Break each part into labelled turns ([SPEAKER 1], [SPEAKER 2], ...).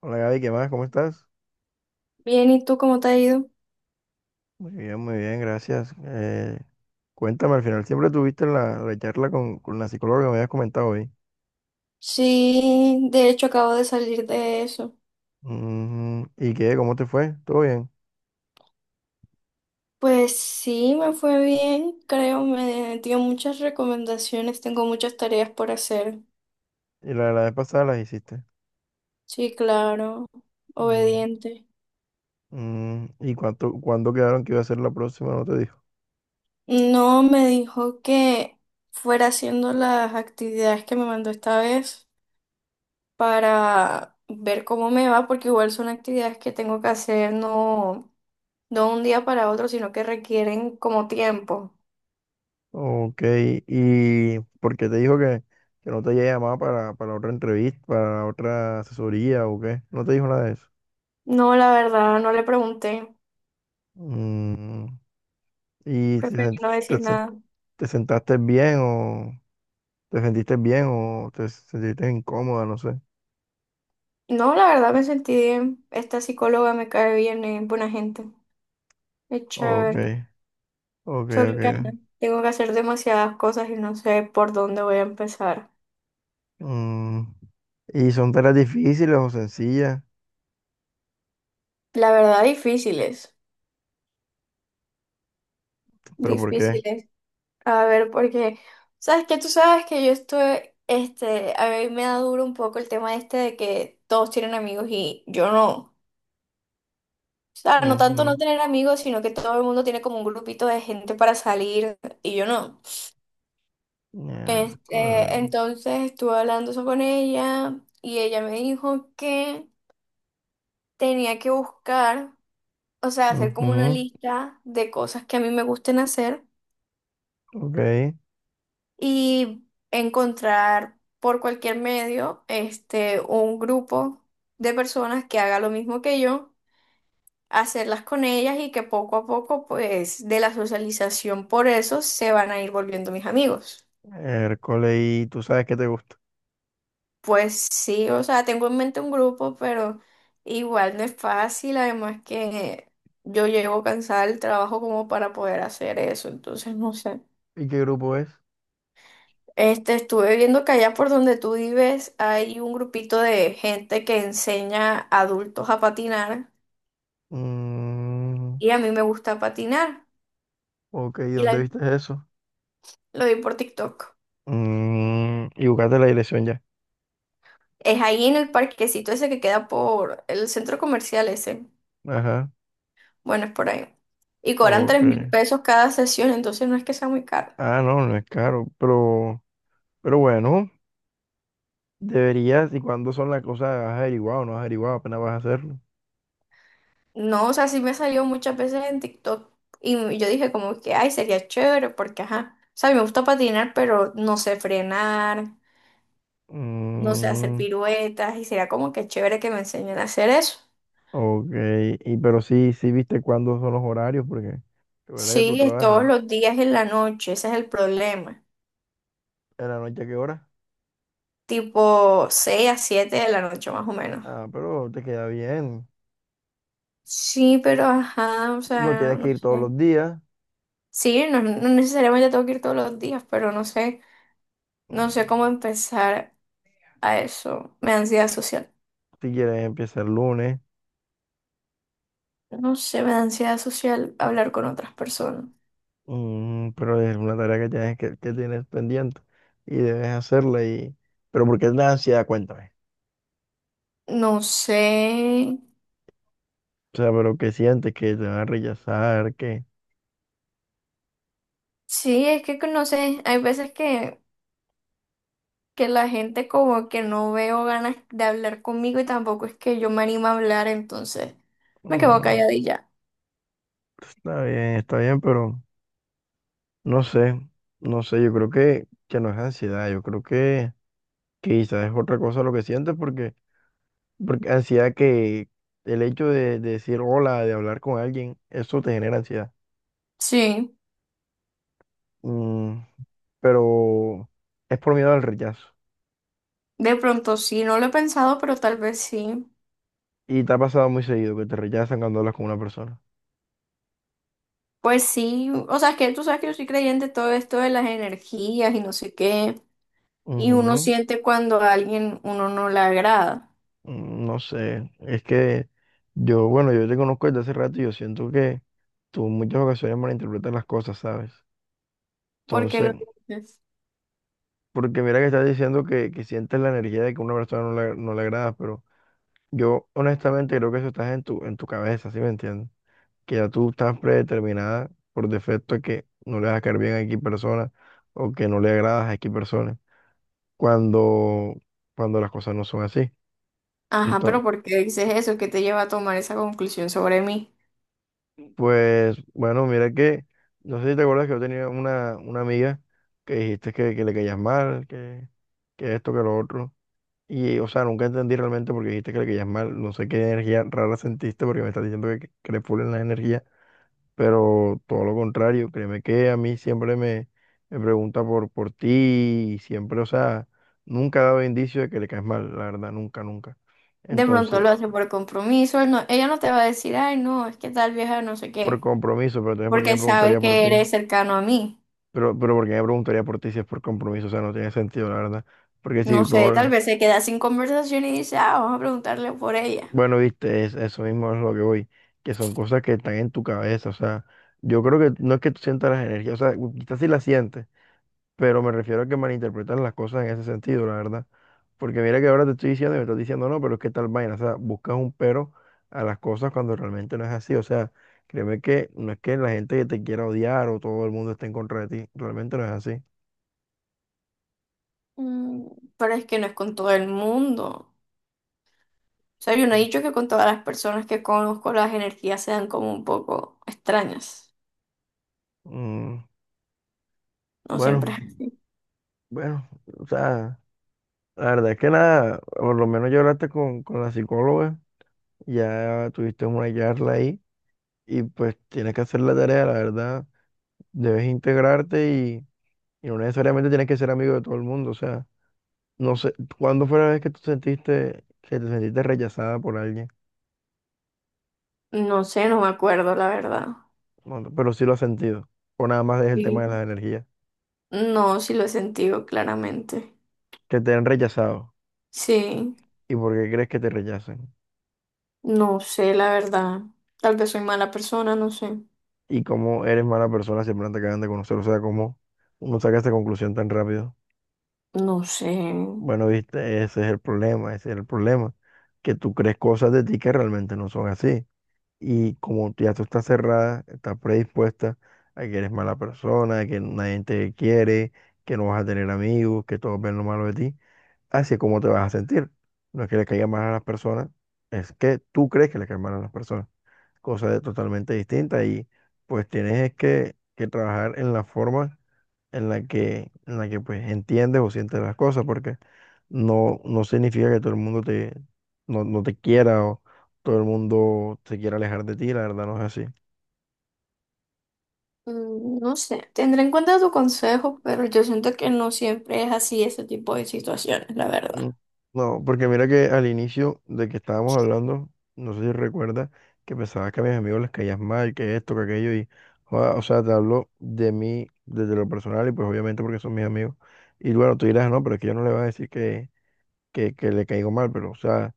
[SPEAKER 1] Hola Gaby, ¿qué más? ¿Cómo estás?
[SPEAKER 2] Bien, ¿y tú cómo te ha ido?
[SPEAKER 1] Muy bien, gracias. Cuéntame, al final siempre tuviste la charla con la psicóloga que me habías comentado hoy.
[SPEAKER 2] Sí, de hecho acabo de salir de eso.
[SPEAKER 1] Mm, ¿y qué? ¿Cómo te fue? ¿Todo bien?
[SPEAKER 2] Pues sí, me fue bien, creo, me dio muchas recomendaciones, tengo muchas tareas por hacer.
[SPEAKER 1] ¿Y la vez pasada las hiciste?
[SPEAKER 2] Sí, claro,
[SPEAKER 1] Mm,
[SPEAKER 2] obediente.
[SPEAKER 1] mm, ¿y cuánto, cuándo quedaron que iba a ser la próxima? ¿No te dijo?
[SPEAKER 2] No, me dijo que fuera haciendo las actividades que me mandó esta vez para ver cómo me va, porque igual son actividades que tengo que hacer no un día para otro, sino que requieren como tiempo.
[SPEAKER 1] Ok, ¿y por qué te dijo que no te había llamado para otra entrevista, para otra asesoría o qué? ¿No te dijo nada de eso?
[SPEAKER 2] No, la verdad, no le pregunté.
[SPEAKER 1] Mm, ¿y te,
[SPEAKER 2] Preferí
[SPEAKER 1] sen-
[SPEAKER 2] no
[SPEAKER 1] te,
[SPEAKER 2] decir
[SPEAKER 1] se-
[SPEAKER 2] nada.
[SPEAKER 1] te sentaste bien o...? ¿Te sentiste bien o te sentiste incómoda? No sé.
[SPEAKER 2] No, la verdad me sentí bien. Esta psicóloga me cae bien, es buena gente. Es
[SPEAKER 1] Ok,
[SPEAKER 2] chévere.
[SPEAKER 1] ok,
[SPEAKER 2] Solo
[SPEAKER 1] ok.
[SPEAKER 2] que ajá, tengo que hacer demasiadas cosas y no sé por dónde voy a empezar.
[SPEAKER 1] Mm, ¿y son tareas difíciles o sencillas?
[SPEAKER 2] La verdad, difíciles.
[SPEAKER 1] ¿Pero por qué?
[SPEAKER 2] Difíciles. A ver, porque, ¿sabes qué? Tú sabes que yo estoy, a mí me da duro un poco el tema este de que todos tienen amigos y yo no. O sea, no tanto no
[SPEAKER 1] Ujú.
[SPEAKER 2] tener amigos, sino que todo el mundo tiene como un grupito de gente para salir y yo no.
[SPEAKER 1] Miércoles.
[SPEAKER 2] Entonces estuve hablando eso con ella y ella me dijo que tenía que buscar, o sea, hacer como una
[SPEAKER 1] Ujú.
[SPEAKER 2] lista de cosas que a mí me gusten hacer
[SPEAKER 1] Ok.
[SPEAKER 2] y encontrar por cualquier medio, un grupo de personas que haga lo mismo que yo, hacerlas con ellas y que poco a poco, pues, de la socialización por eso se van a ir volviendo mis amigos.
[SPEAKER 1] Miércoles. ¿Y tú sabes qué te gusta?
[SPEAKER 2] Pues sí, o sea, tengo en mente un grupo, pero igual no es fácil, además que yo llego cansada del trabajo como para poder hacer eso, entonces no sé.
[SPEAKER 1] ¿Y qué grupo es?
[SPEAKER 2] Estuve viendo que allá por donde tú vives hay un grupito de gente que enseña a adultos a patinar
[SPEAKER 1] Mm,
[SPEAKER 2] y a mí me gusta patinar
[SPEAKER 1] ok, ¿y
[SPEAKER 2] y
[SPEAKER 1] dónde viste eso?
[SPEAKER 2] lo vi por TikTok.
[SPEAKER 1] Mm, y buscaste la dirección ya.
[SPEAKER 2] Es ahí en el parquecito ese que queda por el centro comercial ese.
[SPEAKER 1] Ajá.
[SPEAKER 2] Bueno, es por ahí. Y cobran
[SPEAKER 1] Ok.
[SPEAKER 2] 3000 pesos cada sesión, entonces no es que sea muy caro.
[SPEAKER 1] Ah, no, no es caro. Pero bueno. Deberías, ¿y cuándo son las cosas? ¿Has averiguado o no has averiguado? Apenas vas a hacerlo.
[SPEAKER 2] No, o sea, sí me salió muchas veces en TikTok y yo dije como que, ay, sería chévere porque, ajá, o sea, a mí me gusta patinar, pero no sé frenar, no sé hacer
[SPEAKER 1] Mm,
[SPEAKER 2] piruetas y sería como que chévere que me enseñen a hacer eso.
[SPEAKER 1] ok, y pero sí, sí viste cuándo son los horarios, porque recuerda que tú
[SPEAKER 2] Sí, es todos
[SPEAKER 1] trabajas
[SPEAKER 2] los días en la noche, ese es el problema,
[SPEAKER 1] en la noche, ¿a qué hora?
[SPEAKER 2] tipo 6 a 7 de la noche más o menos.
[SPEAKER 1] Ah, pero te queda bien.
[SPEAKER 2] Sí, pero, ajá, o
[SPEAKER 1] No
[SPEAKER 2] sea,
[SPEAKER 1] tienes que
[SPEAKER 2] no
[SPEAKER 1] ir todos
[SPEAKER 2] sé.
[SPEAKER 1] los días.
[SPEAKER 2] Sí, no necesariamente tengo que ir todos los días, pero no sé, no sé cómo
[SPEAKER 1] Mm,
[SPEAKER 2] empezar a eso, me da ansiedad social.
[SPEAKER 1] si quieres empieza el lunes.
[SPEAKER 2] No sé, me da ansiedad social hablar con otras personas.
[SPEAKER 1] Mm, pero es una tarea que tienes pendiente y debes hacerla. Y... pero ¿por qué la ansiedad? Cuéntame.
[SPEAKER 2] No sé.
[SPEAKER 1] O sea, pero ¿qué sientes? ¿Que te van a rechazar? Que
[SPEAKER 2] Sí, es que no sé. Hay veces que la gente como que no veo ganas de hablar conmigo y tampoco es que yo me animo a hablar, entonces me quedo
[SPEAKER 1] mm,
[SPEAKER 2] calladilla.
[SPEAKER 1] está bien, está bien, pero no sé, no sé, yo creo que no es ansiedad, yo creo que quizás es otra cosa lo que sientes porque, porque ansiedad que el hecho de decir hola, de hablar con alguien, eso te genera ansiedad.
[SPEAKER 2] Sí,
[SPEAKER 1] Mm, pero es por miedo al rechazo.
[SPEAKER 2] de pronto sí, no lo he pensado, pero tal vez sí.
[SPEAKER 1] Y te ha pasado muy seguido que te rechazan cuando hablas con una persona.
[SPEAKER 2] Pues sí, o sea, es que tú sabes que yo soy creyente en todo esto de las energías y no sé qué. Y uno
[SPEAKER 1] Ujú,
[SPEAKER 2] siente cuando a alguien uno no le agrada.
[SPEAKER 1] mm, no sé, es que yo, bueno, yo te conozco desde hace rato y yo siento que tú en muchas ocasiones malinterpretas las cosas, ¿sabes?
[SPEAKER 2] Porque lo
[SPEAKER 1] Entonces, porque mira que estás diciendo que sientes la energía de que una persona no le agrada, pero yo honestamente creo que eso está en tu cabeza, ¿sí me entiendes? Que ya tú estás predeterminada por defecto de que no le vas a caer bien a X persona o que no le agradas a X persona cuando, cuando las cosas no son así.
[SPEAKER 2] Ajá, pero
[SPEAKER 1] Entonces,
[SPEAKER 2] ¿por qué dices eso? ¿Qué te lleva a tomar esa conclusión sobre mí?
[SPEAKER 1] pues bueno, mira que, no sé si te acuerdas que yo tenía una amiga que dijiste que le caías mal, que esto, que lo otro. Y, o sea, nunca entendí realmente porque dijiste que le querías mal. No sé qué energía rara sentiste porque me estás diciendo que le pulen la energía. Pero todo lo contrario, créeme que a mí siempre me, me pregunta por ti y siempre, o sea, nunca ha dado indicio de que le caes mal, la verdad, nunca, nunca.
[SPEAKER 2] De pronto
[SPEAKER 1] Entonces,
[SPEAKER 2] lo hace por compromiso, él no- ella no te va a decir, ay, no, es que tal vieja no sé
[SPEAKER 1] por
[SPEAKER 2] qué,
[SPEAKER 1] compromiso, pero también ¿por qué me
[SPEAKER 2] porque sabe
[SPEAKER 1] preguntaría por
[SPEAKER 2] que
[SPEAKER 1] ti?
[SPEAKER 2] eres cercano a mí.
[SPEAKER 1] Pero ¿por qué me preguntaría por ti si es por compromiso? O sea, no tiene sentido, la verdad. Porque
[SPEAKER 2] No
[SPEAKER 1] si tú
[SPEAKER 2] sé, tal
[SPEAKER 1] no-
[SPEAKER 2] vez se queda sin conversación y dice, ah, vamos a preguntarle por ella.
[SPEAKER 1] bueno, viste, es, eso mismo es lo que voy, que son cosas que están en tu cabeza, o sea, yo creo que no es que tú sientas las energías, o sea, quizás sí las sientes, pero me refiero a que malinterpretan las cosas en ese sentido, la verdad, porque mira que ahora te estoy diciendo y me estás diciendo, no, pero es que tal vaina, o sea, buscas un pero a las cosas cuando realmente no es así, o sea, créeme que no es que la gente que te quiera odiar o todo el mundo esté en contra de ti, realmente no es así.
[SPEAKER 2] Mm, pero es que no es con todo el mundo. O sea, yo no he dicho que con todas las personas que conozco las energías sean como un poco extrañas.
[SPEAKER 1] Mm,
[SPEAKER 2] No
[SPEAKER 1] bueno,
[SPEAKER 2] siempre.
[SPEAKER 1] bueno, o sea, la verdad es que nada, por lo menos yo hablaste con la psicóloga. Ya tuviste una charla ahí y pues tienes que hacer la tarea, la verdad. Debes integrarte y no necesariamente tienes que ser amigo de todo el mundo. O sea, no sé, ¿cuándo fue la vez que tú sentiste que te sentiste rechazada por alguien?
[SPEAKER 2] No sé, no me acuerdo, la verdad.
[SPEAKER 1] Bueno, pero sí lo has sentido. O nada más es el tema de
[SPEAKER 2] Sí,
[SPEAKER 1] las energías.
[SPEAKER 2] no, sí lo he sentido claramente.
[SPEAKER 1] Que te han rechazado.
[SPEAKER 2] Sí,
[SPEAKER 1] ¿Y por qué crees que te rechacen?
[SPEAKER 2] no sé, la verdad. Tal vez soy mala persona, no sé.
[SPEAKER 1] Y cómo eres mala persona si apenas te acaban de conocer. O sea, cómo uno saca esa conclusión tan rápido.
[SPEAKER 2] No sé.
[SPEAKER 1] Bueno, viste, ese es el problema, ese es el problema, que tú crees cosas de ti que realmente no son así. Y como ya tú estás cerrada, estás predispuesta a que eres mala persona, a que nadie te quiere, que no vas a tener amigos, que todos ven lo malo de ti, así es como te vas a sentir. No es que le caiga mal a las personas, es que tú crees que le cae mal a las personas. Cosa de- totalmente distinta y pues tienes es que trabajar en la forma en la que pues entiendes o sientes las cosas, porque no, no significa que todo el mundo te, no, no te quiera o todo el mundo se quiera alejar de ti, la verdad no es así.
[SPEAKER 2] Mm, no sé. Tendré en cuenta tu consejo, pero yo siento que no siempre es así ese tipo de situaciones, la
[SPEAKER 1] Mm,
[SPEAKER 2] verdad.
[SPEAKER 1] no, porque mira que al inicio de que estábamos hablando, no sé si recuerdas, que pensabas que a mis amigos les caías mal, que esto, que aquello, y, joda, o sea, te hablo de mí desde lo personal y pues obviamente porque son mis amigos. Y bueno, tú dirás, no, pero es que yo no le voy a decir que le caigo mal, pero o sea,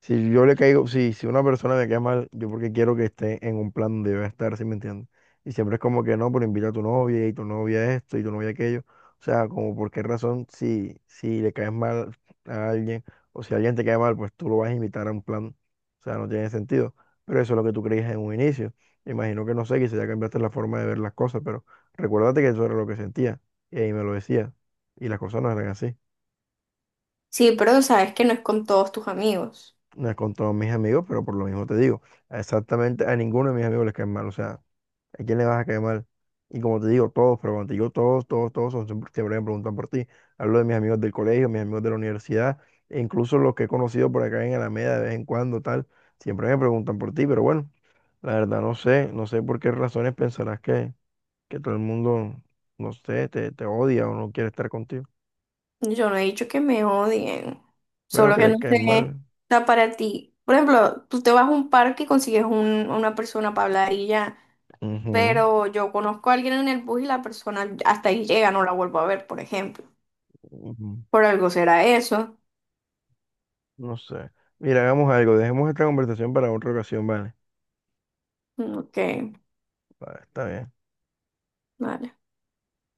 [SPEAKER 1] si yo le caigo, si, si una persona me cae mal, yo porque quiero que esté en un plan donde yo voy a estar, ¿sí me entiendes? Y siempre es como que no, pero invita a tu novia y tu novia esto y tu novia aquello. O sea, como por qué razón si, si le caes mal a alguien o si alguien te cae mal, pues tú lo vas a invitar a un plan. O sea, no tiene sentido. Pero eso es lo que tú creías en un inicio. Imagino que no sé, quizás ya cambiaste la forma de ver las cosas, pero recuérdate que eso era lo que sentía y ahí me lo decía. Y las cosas no eran así.
[SPEAKER 2] Sí, pero sabes que no es con todos tus amigos.
[SPEAKER 1] No es con todos mis amigos, pero por lo mismo te digo, exactamente a ninguno de mis amigos les cae mal. O sea, ¿a quién le vas a caer mal? Y como te digo, todos, pero cuando te digo todos, todos, todos, son, siempre siempre me preguntan por ti. Hablo de mis amigos del colegio, mis amigos de la universidad, e incluso los que he conocido por acá en Alameda de vez en cuando, tal, siempre me preguntan por ti, pero bueno, la verdad no sé, no sé por qué razones pensarás que todo el mundo, no sé, te odia o no quiere estar contigo.
[SPEAKER 2] Yo no he dicho que me odien,
[SPEAKER 1] Bueno,
[SPEAKER 2] solo
[SPEAKER 1] que
[SPEAKER 2] que
[SPEAKER 1] le
[SPEAKER 2] no
[SPEAKER 1] caes
[SPEAKER 2] sé,
[SPEAKER 1] mal.
[SPEAKER 2] está para ti. Por ejemplo, tú te vas a un parque y consigues una persona para hablar y ya,
[SPEAKER 1] Ujú,
[SPEAKER 2] pero yo conozco a alguien en el bus y la persona hasta ahí llega, no la vuelvo a ver, por ejemplo.
[SPEAKER 1] ujú.
[SPEAKER 2] Por algo será eso.
[SPEAKER 1] No sé. Mira, hagamos algo. Dejemos esta conversación para otra ocasión, ¿vale?
[SPEAKER 2] Mm, ok,
[SPEAKER 1] Vale, está bien.
[SPEAKER 2] vale.